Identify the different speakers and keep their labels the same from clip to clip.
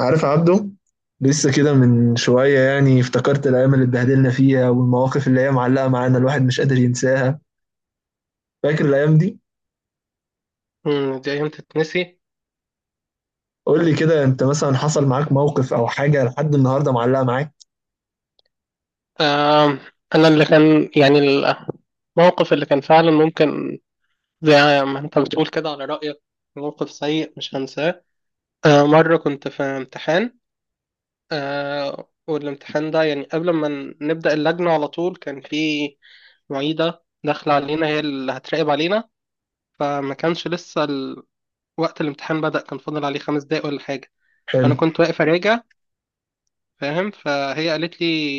Speaker 1: عارف عبده، لسه كده من شوية افتكرت الأيام اللي اتبهدلنا فيها والمواقف اللي هي معلقة معانا. الواحد مش قادر ينساها. فاكر الأيام دي؟
Speaker 2: مم، دي أيام تتنسي.
Speaker 1: قول لي كده، أنت مثلا حصل معاك موقف أو حاجة لحد النهاردة معلقة معاك؟
Speaker 2: آم، أنا اللي كان يعني، الموقف اللي كان فعلا ممكن، زي ما أنت بتقول كده، على رأيك موقف سيء مش هنساه. مرة كنت في امتحان. والامتحان ده يعني قبل ما نبدأ اللجنة، على طول كان في معيدة داخلة علينا هي اللي هتراقب علينا. فما كانش لسه وقت الامتحان بدأ، كان فاضل عليه 5 دقايق ولا حاجة.
Speaker 1: حلو.
Speaker 2: أنا كنت واقف أراجع، فاهم، فهي قالت لي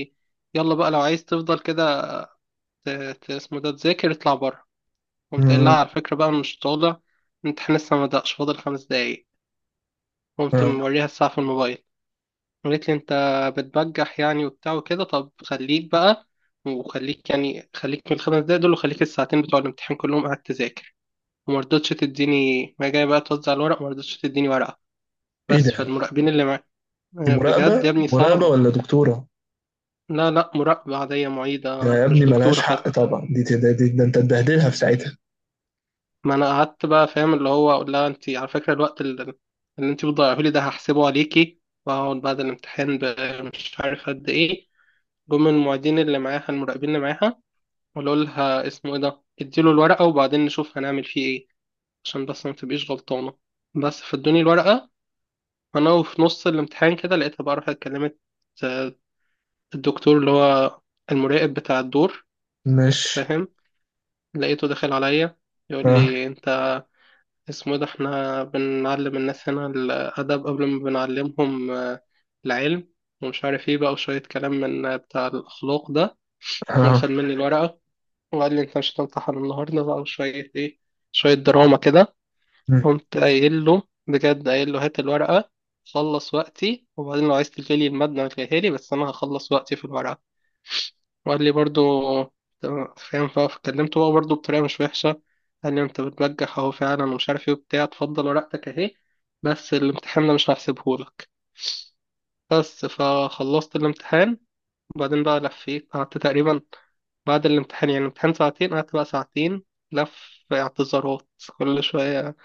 Speaker 2: يلا بقى، لو عايز تفضل كده ت- اسمه ده، تذاكر اطلع بره. قمت قايل لها
Speaker 1: مم.
Speaker 2: على فكرة بقى، أنا مش طالع، الامتحان لسه ما بدأش، فاضل 5 دقايق. قمت
Speaker 1: آه.
Speaker 2: موريها الساعة في الموبايل، قالت لي أنت بتبجح يعني وبتاع وكده، طب خليك بقى وخليك، يعني خليك من ال 5 دقايق دول وخليك الساعتين بتوع الامتحان كلهم قاعد تذاكر. وما رضتش تديني، ما جاي بقى توزع الورق ما رضتش تديني ورقة،
Speaker 1: إيه
Speaker 2: بس
Speaker 1: ده؟
Speaker 2: فالمراقبين اللي معايا
Speaker 1: دي مراقبة؟
Speaker 2: بجد يا ابني
Speaker 1: مراقبة
Speaker 2: صعبة".
Speaker 1: ولا دكتورة؟
Speaker 2: لا لا، مراقبة عادية،
Speaker 1: ده
Speaker 2: معيدة
Speaker 1: يا ابني
Speaker 2: مش
Speaker 1: ملهاش
Speaker 2: دكتورة.
Speaker 1: حق طبعا، دي ده, أنت تبهدلها في ساعتها.
Speaker 2: ما انا قعدت بقى فاهم، اللي هو اقول لها انت على فكره اللي انت بتضيعه لي ده هحسبه عليكي. واقعد بعد الامتحان مش عارف قد ايه، جم من المعيدين اللي معاها، المراقبين اللي معاها، وقالوا لها اسمه ايه ده، اديله الورقه وبعدين نشوف هنعمل فيه ايه، عشان بس ما تبقيش غلطانه. بس فادوني الورقه. انا وفي نص الامتحان كده لقيتها بقى راحت كلمت آه، الدكتور اللي هو المراقب بتاع الدور،
Speaker 1: ماشي.
Speaker 2: فاهم؟ لقيته داخل عليا يقول
Speaker 1: آه.
Speaker 2: لي انت اسمه إيه ده، احنا بنعلم الناس هنا الأدب قبل ما بنعلمهم العلم، ومش عارف ايه بقى، وشوية كلام من بتاع الأخلاق ده.
Speaker 1: آه.
Speaker 2: واخد مني الورقة وقال لي انت مش هتمتحن النهاردة بقى، وشوية ايه، شوية دراما كده.
Speaker 1: مم.
Speaker 2: قمت قايل له بجد، قايل له هات الورقة، خلص وقتي، وبعدين لو عايز تلغي لي المادة ما تلغيها لي، بس أنا هخلص وقتي في الورقة. وقال لي برضو تمام، فاهم، فكلمته هو برضو بطريقة مش وحشة، قال لي انت بتبجح اهو فعلا، ومش عارف ايه وبتاع، تفضل ورقتك اهي بس الامتحان ده مش هحسبهولك. بس فخلصت الامتحان، وبعدين بقى لفيت، قعدت تقريبا بعد الامتحان، يعني الامتحان ساعتين قعدت بقى ساعتين لف اعتذارات، كل شوية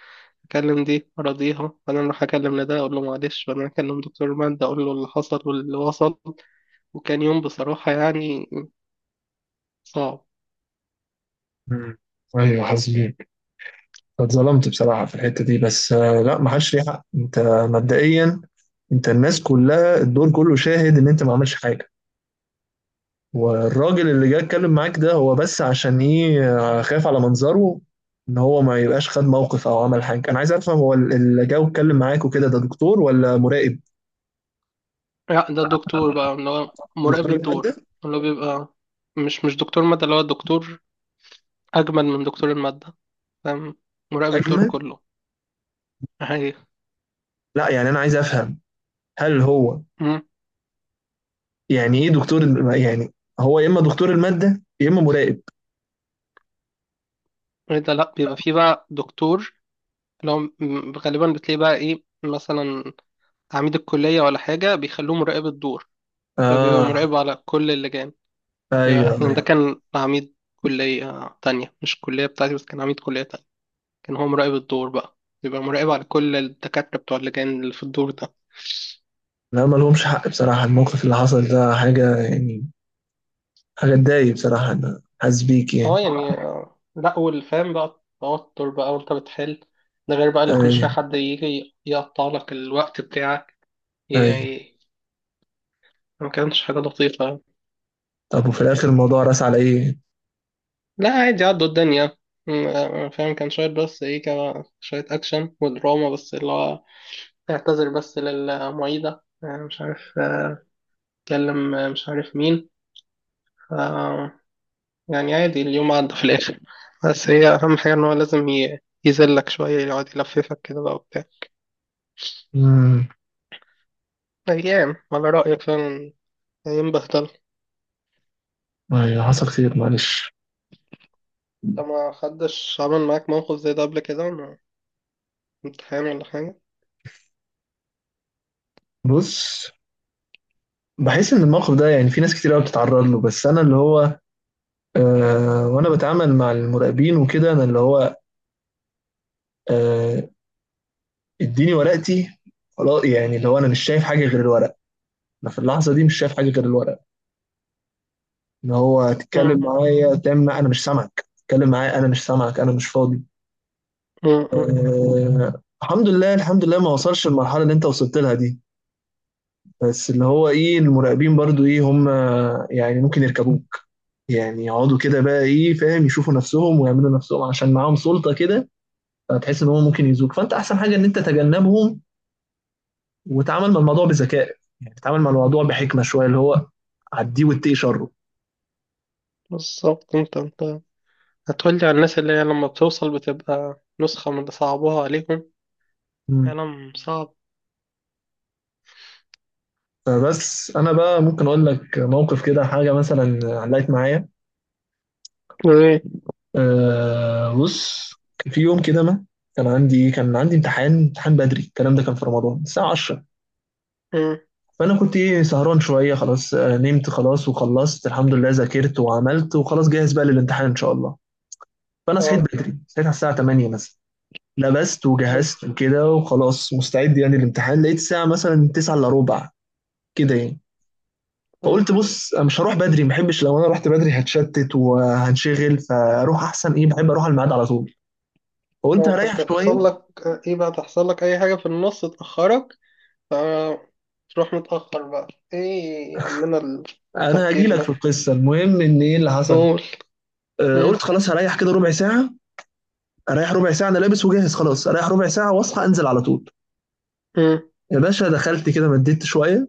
Speaker 2: أكلم دي أراضيها، وبعدين أروح أكلم لده أقول له معلش، وبعدين أكلم دكتور مادة أقول له اللي حصل واللي وصل. وكان يوم بصراحة يعني صعب.
Speaker 1: مم. أيوه، حاسبين. اتظلمت بصراحة في الحتة دي، بس لا، ما حدش ليه حق. انت مبدئيا، انت الناس كلها الدور كله شاهد ان انت ما عملش حاجة. والراجل اللي جه اتكلم معاك ده، هو بس عشان ايه؟ خايف على منظره، ان هو ما يبقاش خد موقف او عمل حاجة. انا عايز افهم، هو اللي جه واتكلم معاك وكده ده دكتور ولا مراقب؟
Speaker 2: لا، ده الدكتور بقى اللي هو مراقب
Speaker 1: دكتور المادة؟
Speaker 2: الدور، اللي هو بيبقى، مش دكتور مادة، اللي هو دكتور أجمل من دكتور المادة، فاهم، مراقب الدور
Speaker 1: اجمل؟
Speaker 2: كله. عادي.
Speaker 1: لا انا عايز افهم، هل هو
Speaker 2: مم.
Speaker 1: ايه؟ يعني هو يا اما دكتور المادة يا اما مراقب.
Speaker 2: إيه ده، لأ بيبقى فيه بقى دكتور اللي هو غالبا بتلاقيه بقى إيه، مثلا عميد الكلية ولا حاجة بيخلوه مراقب الدور، فبيبقى
Speaker 1: اه.
Speaker 2: مراقب على كل اللجان.
Speaker 1: ايوه.
Speaker 2: يعني ده كان عميد كلية تانية، مش الكلية بتاعتي، بس كان عميد كلية تانية، كان هو مراقب الدور بقى، بيبقى مراقب على كل الدكاترة بتوع اللجان اللي في الدور ده.
Speaker 1: لا ما لهمش حق بصراحة. الموقف اللي حصل ده حاجة حاجة تضايق بصراحة. أنا حاسس بيك.
Speaker 2: اه يعني لا، والفهم بقى، التوتر بقى وانت بتحل، ده غير بقى اللي كل
Speaker 1: أيوة.
Speaker 2: شوية حد يجي يقطع لك الوقت بتاعك،
Speaker 1: أيوة.
Speaker 2: يعني ما كانتش حاجة لطيفة.
Speaker 1: طب وفي الآخر الموضوع رأس على إيه؟
Speaker 2: لا عادي، عدوا الدنيا. فاهم، كان شوية بس ايه، كان شوية أكشن ودراما، بس اللي هو اعتذر بس للمعيدة، مش عارف، اتكلم، مش عارف مين، ف يعني عادي، اليوم عدى في الآخر. بس هي أهم حاجة إن هو لازم يذلك شوية، يقعد يلففك كده بقى وبتاع.
Speaker 1: امم.
Speaker 2: أيام على رأيك فعلا، أيام بهدلة.
Speaker 1: أيوة، حصل خير، معلش.
Speaker 2: أنت ما حدش عمل معاك موقف زي ده قبل كده، مع امتحان ولا حاجة؟
Speaker 1: بص، بحس إن الموقف ده في ناس كتير قوي بتتعرض له. بس أنا اللي هو، وأنا بتعامل مع المراقبين وكده، أنا اللي هو آه، اديني ورقتي، خلاص. يعني اللي هو أنا مش شايف حاجة غير الورق. أنا في اللحظة دي مش شايف حاجة غير الورق. إن هو
Speaker 2: مم.
Speaker 1: تتكلم معايا، تعمل معايا، أنا مش سامعك، تتكلم معايا أنا مش سامعك، أنا مش فاضي.
Speaker 2: مم. مم.
Speaker 1: الحمد لله، الحمد لله ما وصلش المرحلة اللي انت وصلت لها دي. بس اللي هو ايه، المراقبين برضو ايه، هم ممكن يركبوك، يقعدوا كده بقى ايه، فاهم، يشوفوا نفسهم ويعملوا نفسهم عشان معاهم سلطة كده. فتحس ان هم ممكن يزوك، فانت احسن حاجة ان انت تتجنبهم وتعامل مع الموضوع بذكاء، يعني تتعامل مع الموضوع بحكمة شوية، اللي هو عديه واتقي شره.
Speaker 2: بالظبط، أنت هتقولي على الناس اللي هي لما بتوصل بتبقى نسخة من اللي صعبوها عليهم.
Speaker 1: مم.
Speaker 2: كلام صعب.
Speaker 1: فبس انا بقى ممكن اقول لك موقف كده حاجة مثلا علقت معايا.
Speaker 2: إيه.
Speaker 1: أه، بص، في يوم كده ما كان عندي امتحان، بدري. الكلام ده كان في رمضان الساعة 10.
Speaker 2: مم.
Speaker 1: فأنا كنت إيه، سهران شوية خلاص، نمت خلاص وخلصت الحمد لله، ذاكرت وعملت وخلاص جاهز بقى للامتحان إن شاء الله. فأنا صحيت
Speaker 2: أه.
Speaker 1: بدري، صحيت على الساعة 8 مثلا، لبست
Speaker 2: مم.
Speaker 1: وجهزت وكده وخلاص مستعد يعني للامتحان. لقيت الساعة مثلا 9 إلا ربع كده يعني.
Speaker 2: مم.
Speaker 1: فقلت بص أنا مش هروح بدري، ما بحبش لو أنا رحت بدري هتشتت وهنشغل، فأروح أحسن. إيه، بحب أروح على الميعاد على طول. فقلت
Speaker 2: لو
Speaker 1: هريح شوية.
Speaker 2: هتحصل لك إيه بقى، تحصل لك أي حاجة في النص تأخرك فتروح متأخر بقى، إيه يا عمنا
Speaker 1: انا هاجي
Speaker 2: التفكير
Speaker 1: لك في
Speaker 2: ده.
Speaker 1: القصه، المهم ان ايه اللي حصل.
Speaker 2: قول.
Speaker 1: قلت
Speaker 2: مم.
Speaker 1: خلاص هريح كده ربع ساعه، اريح ربع ساعه، انا لابس وجاهز خلاص، اريح ربع ساعه واصحى انزل على طول.
Speaker 2: مم.
Speaker 1: يا باشا، دخلت كده مديت شويه،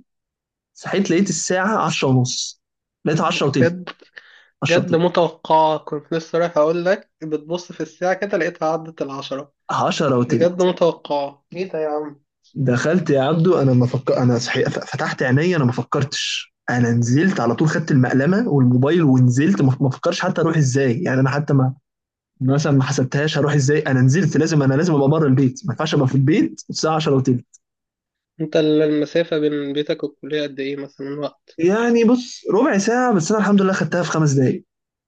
Speaker 1: صحيت لقيت الساعه 10 ونص، لقيت 10 وتلت.
Speaker 2: بجد؟
Speaker 1: 10
Speaker 2: جد
Speaker 1: وتلت.
Speaker 2: متوقعة، كنت لسه رايح أقول لك بتبص في الساعة كده لقيتها عدت العشرة.
Speaker 1: 10
Speaker 2: بجد؟
Speaker 1: وتلت.
Speaker 2: متوقعة. إيه ده يا عم.
Speaker 1: دخلت يا عبدو، انا ما فكر انا صحيح فتحت عيني، انا ما فكرتش، انا نزلت على طول، خدت المقلمه والموبايل ونزلت. ما فكرش حتى اروح ازاي، يعني انا حتى ما مثلا ما حسبتهاش هروح ازاي. انا نزلت، لازم، انا لازم ابقى بره البيت، ما ينفعش ابقى في البيت الساعه 10 وتلت.
Speaker 2: أنت المسافة بين بيتك والكلية قد إيه مثلا وقت؟
Speaker 1: يعني بص، ربع ساعة بس أنا الحمد لله خدتها في 5 دقايق،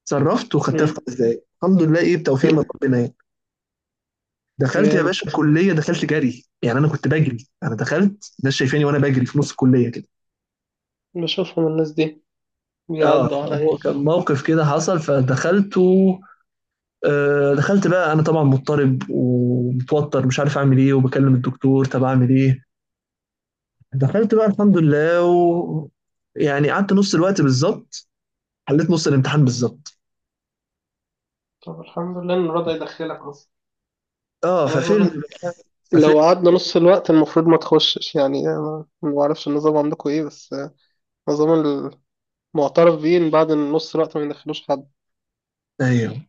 Speaker 1: صرفت وخدتها في
Speaker 2: مم.
Speaker 1: 5 دقايق الحمد لله. إيه، بتوفيق من
Speaker 2: مم.
Speaker 1: ربنا يعني. دخلت يا
Speaker 2: جامد.
Speaker 1: باشا الكلية، دخلت جري يعني، أنا كنت بجري. أنا دخلت الناس شايفاني وأنا بجري في نص الكلية كده.
Speaker 2: بشوفهم الناس دي
Speaker 1: اه،
Speaker 2: بيعدوا عليا.
Speaker 1: فهو كان موقف كده حصل، فدخلت و... دخلت بقى، أنا طبعا مضطرب ومتوتر مش عارف أعمل إيه، وبكلم الدكتور طب أعمل إيه. دخلت بقى الحمد لله و... يعني قعدت نص الوقت بالظبط، حليت نص الامتحان بالظبط.
Speaker 2: طب الحمد لله إن رضا يدخلك أصلا.
Speaker 1: اه،
Speaker 2: أنا عايز أقول
Speaker 1: ففيلم
Speaker 2: لك،
Speaker 1: بقى.
Speaker 2: لو قعدنا نص الوقت المفروض ما تخشش، يعني أنا ما بعرفش النظام عندكم إيه بس النظام المعترف بيه إن بعد نص الوقت ما يدخلوش حد.
Speaker 1: ايوه،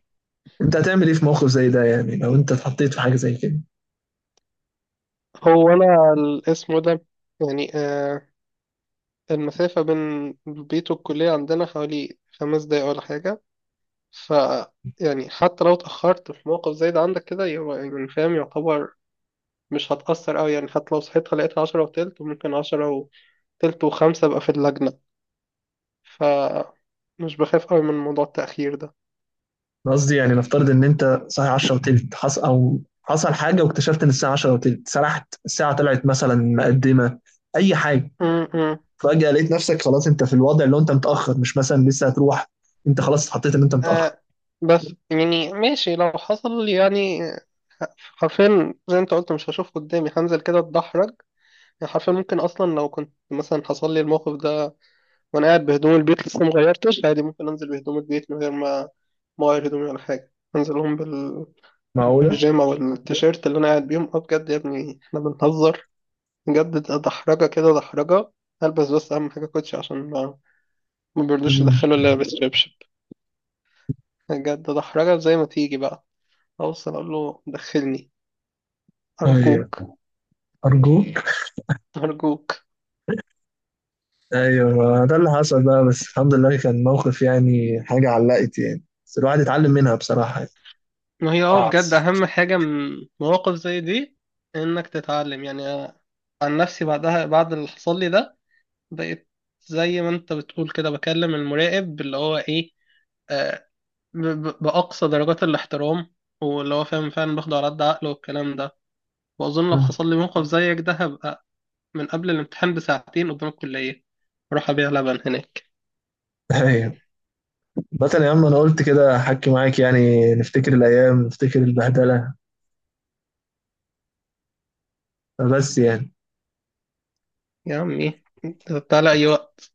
Speaker 1: انت هتعمل ايه في موقف زي ده، يعني لو انت اتحطيت في حاجه زي كده؟
Speaker 2: هو أنا اسمه ده يعني، المسافة بين البيت والكلية عندنا حوالي 5 دقايق ولا حاجة، ف يعني حتى لو اتأخرت في موقف زي ده عندك كده يبقى، يعني فاهم يعتبر مش هتأثر أوي، يعني حتى لو صحيت لقيت عشرة وتلت، ممكن عشرة وتلت وخمسة أبقى في اللجنة، ف مش بخاف أوي من موضوع التأخير ده.
Speaker 1: أنا قصدي نفترض ان انت صاحي 10 وتلت، حصل او حصل حاجه واكتشفت ان الساعه 10 وتلت، سرحت الساعه، طلعت مثلا مقدمه، اي حاجه.
Speaker 2: م -م.
Speaker 1: فجاه لقيت نفسك خلاص انت في الوضع اللي هو انت متاخر، مش مثلا لسه هتروح، انت خلاص اتحطيت ان انت متاخر.
Speaker 2: آه، بس يعني ماشي، لو حصل يعني حرفيا زي ما انت قلت مش هشوف قدامي، هنزل كده اتدحرج، يعني حرفيا ممكن اصلا لو كنت مثلا حصل لي الموقف ده وانا قاعد بهدوم البيت لسه ما غيرتش، عادي ممكن انزل بهدوم البيت من غير ما اغير هدومي ولا حاجه، انزلهم
Speaker 1: معقوله.
Speaker 2: بالبيجامه والتيشيرت اللي انا قاعد بيهم. اه بجد يا ابني، احنا بنهزر؟ بجد، ده دحرجه كده، دحرجه. البس بس اهم حاجه كوتشي، عشان ما بيرضوش
Speaker 1: مم.
Speaker 2: يدخلوا الا لابس شبشب. بجد، ده دحرجه زي ما تيجي بقى، اوصل اقول له دخلني ارجوك.
Speaker 1: ايوه. ارجوك.
Speaker 2: ارجوك.
Speaker 1: ايوه، ده اللي حصل بقى. بس الحمد لله كان موقف، يعني حاجه علقت يعني، بس الواحد اتعلم منها بصراحه يعني.
Speaker 2: ما هي اه
Speaker 1: صعب.
Speaker 2: بجد، اهم حاجه من مواقف زي دي انك تتعلم. يعني أنا عن نفسي بعدها، بعد اللي حصل لي ده، بقيت زي ما انت بتقول كده، بكلم المراقب اللي هو ايه، آه بأقصى درجات الاحترام، واللي هو فاهم فعلا باخده على قد عقله والكلام ده. وأظن لو
Speaker 1: مم.
Speaker 2: حصل لي موقف زيك ده هبقى من قبل الامتحان بساعتين قدام الكلية، أروح أبيع لبن هناك.
Speaker 1: ايوه. مثلا يا عم انا قلت كده احكي معاك يعني، نفتكر الايام، نفتكر البهدله. بس يعني
Speaker 2: يا عمي تعالى أي وقت.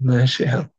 Speaker 1: ماشي يا عم.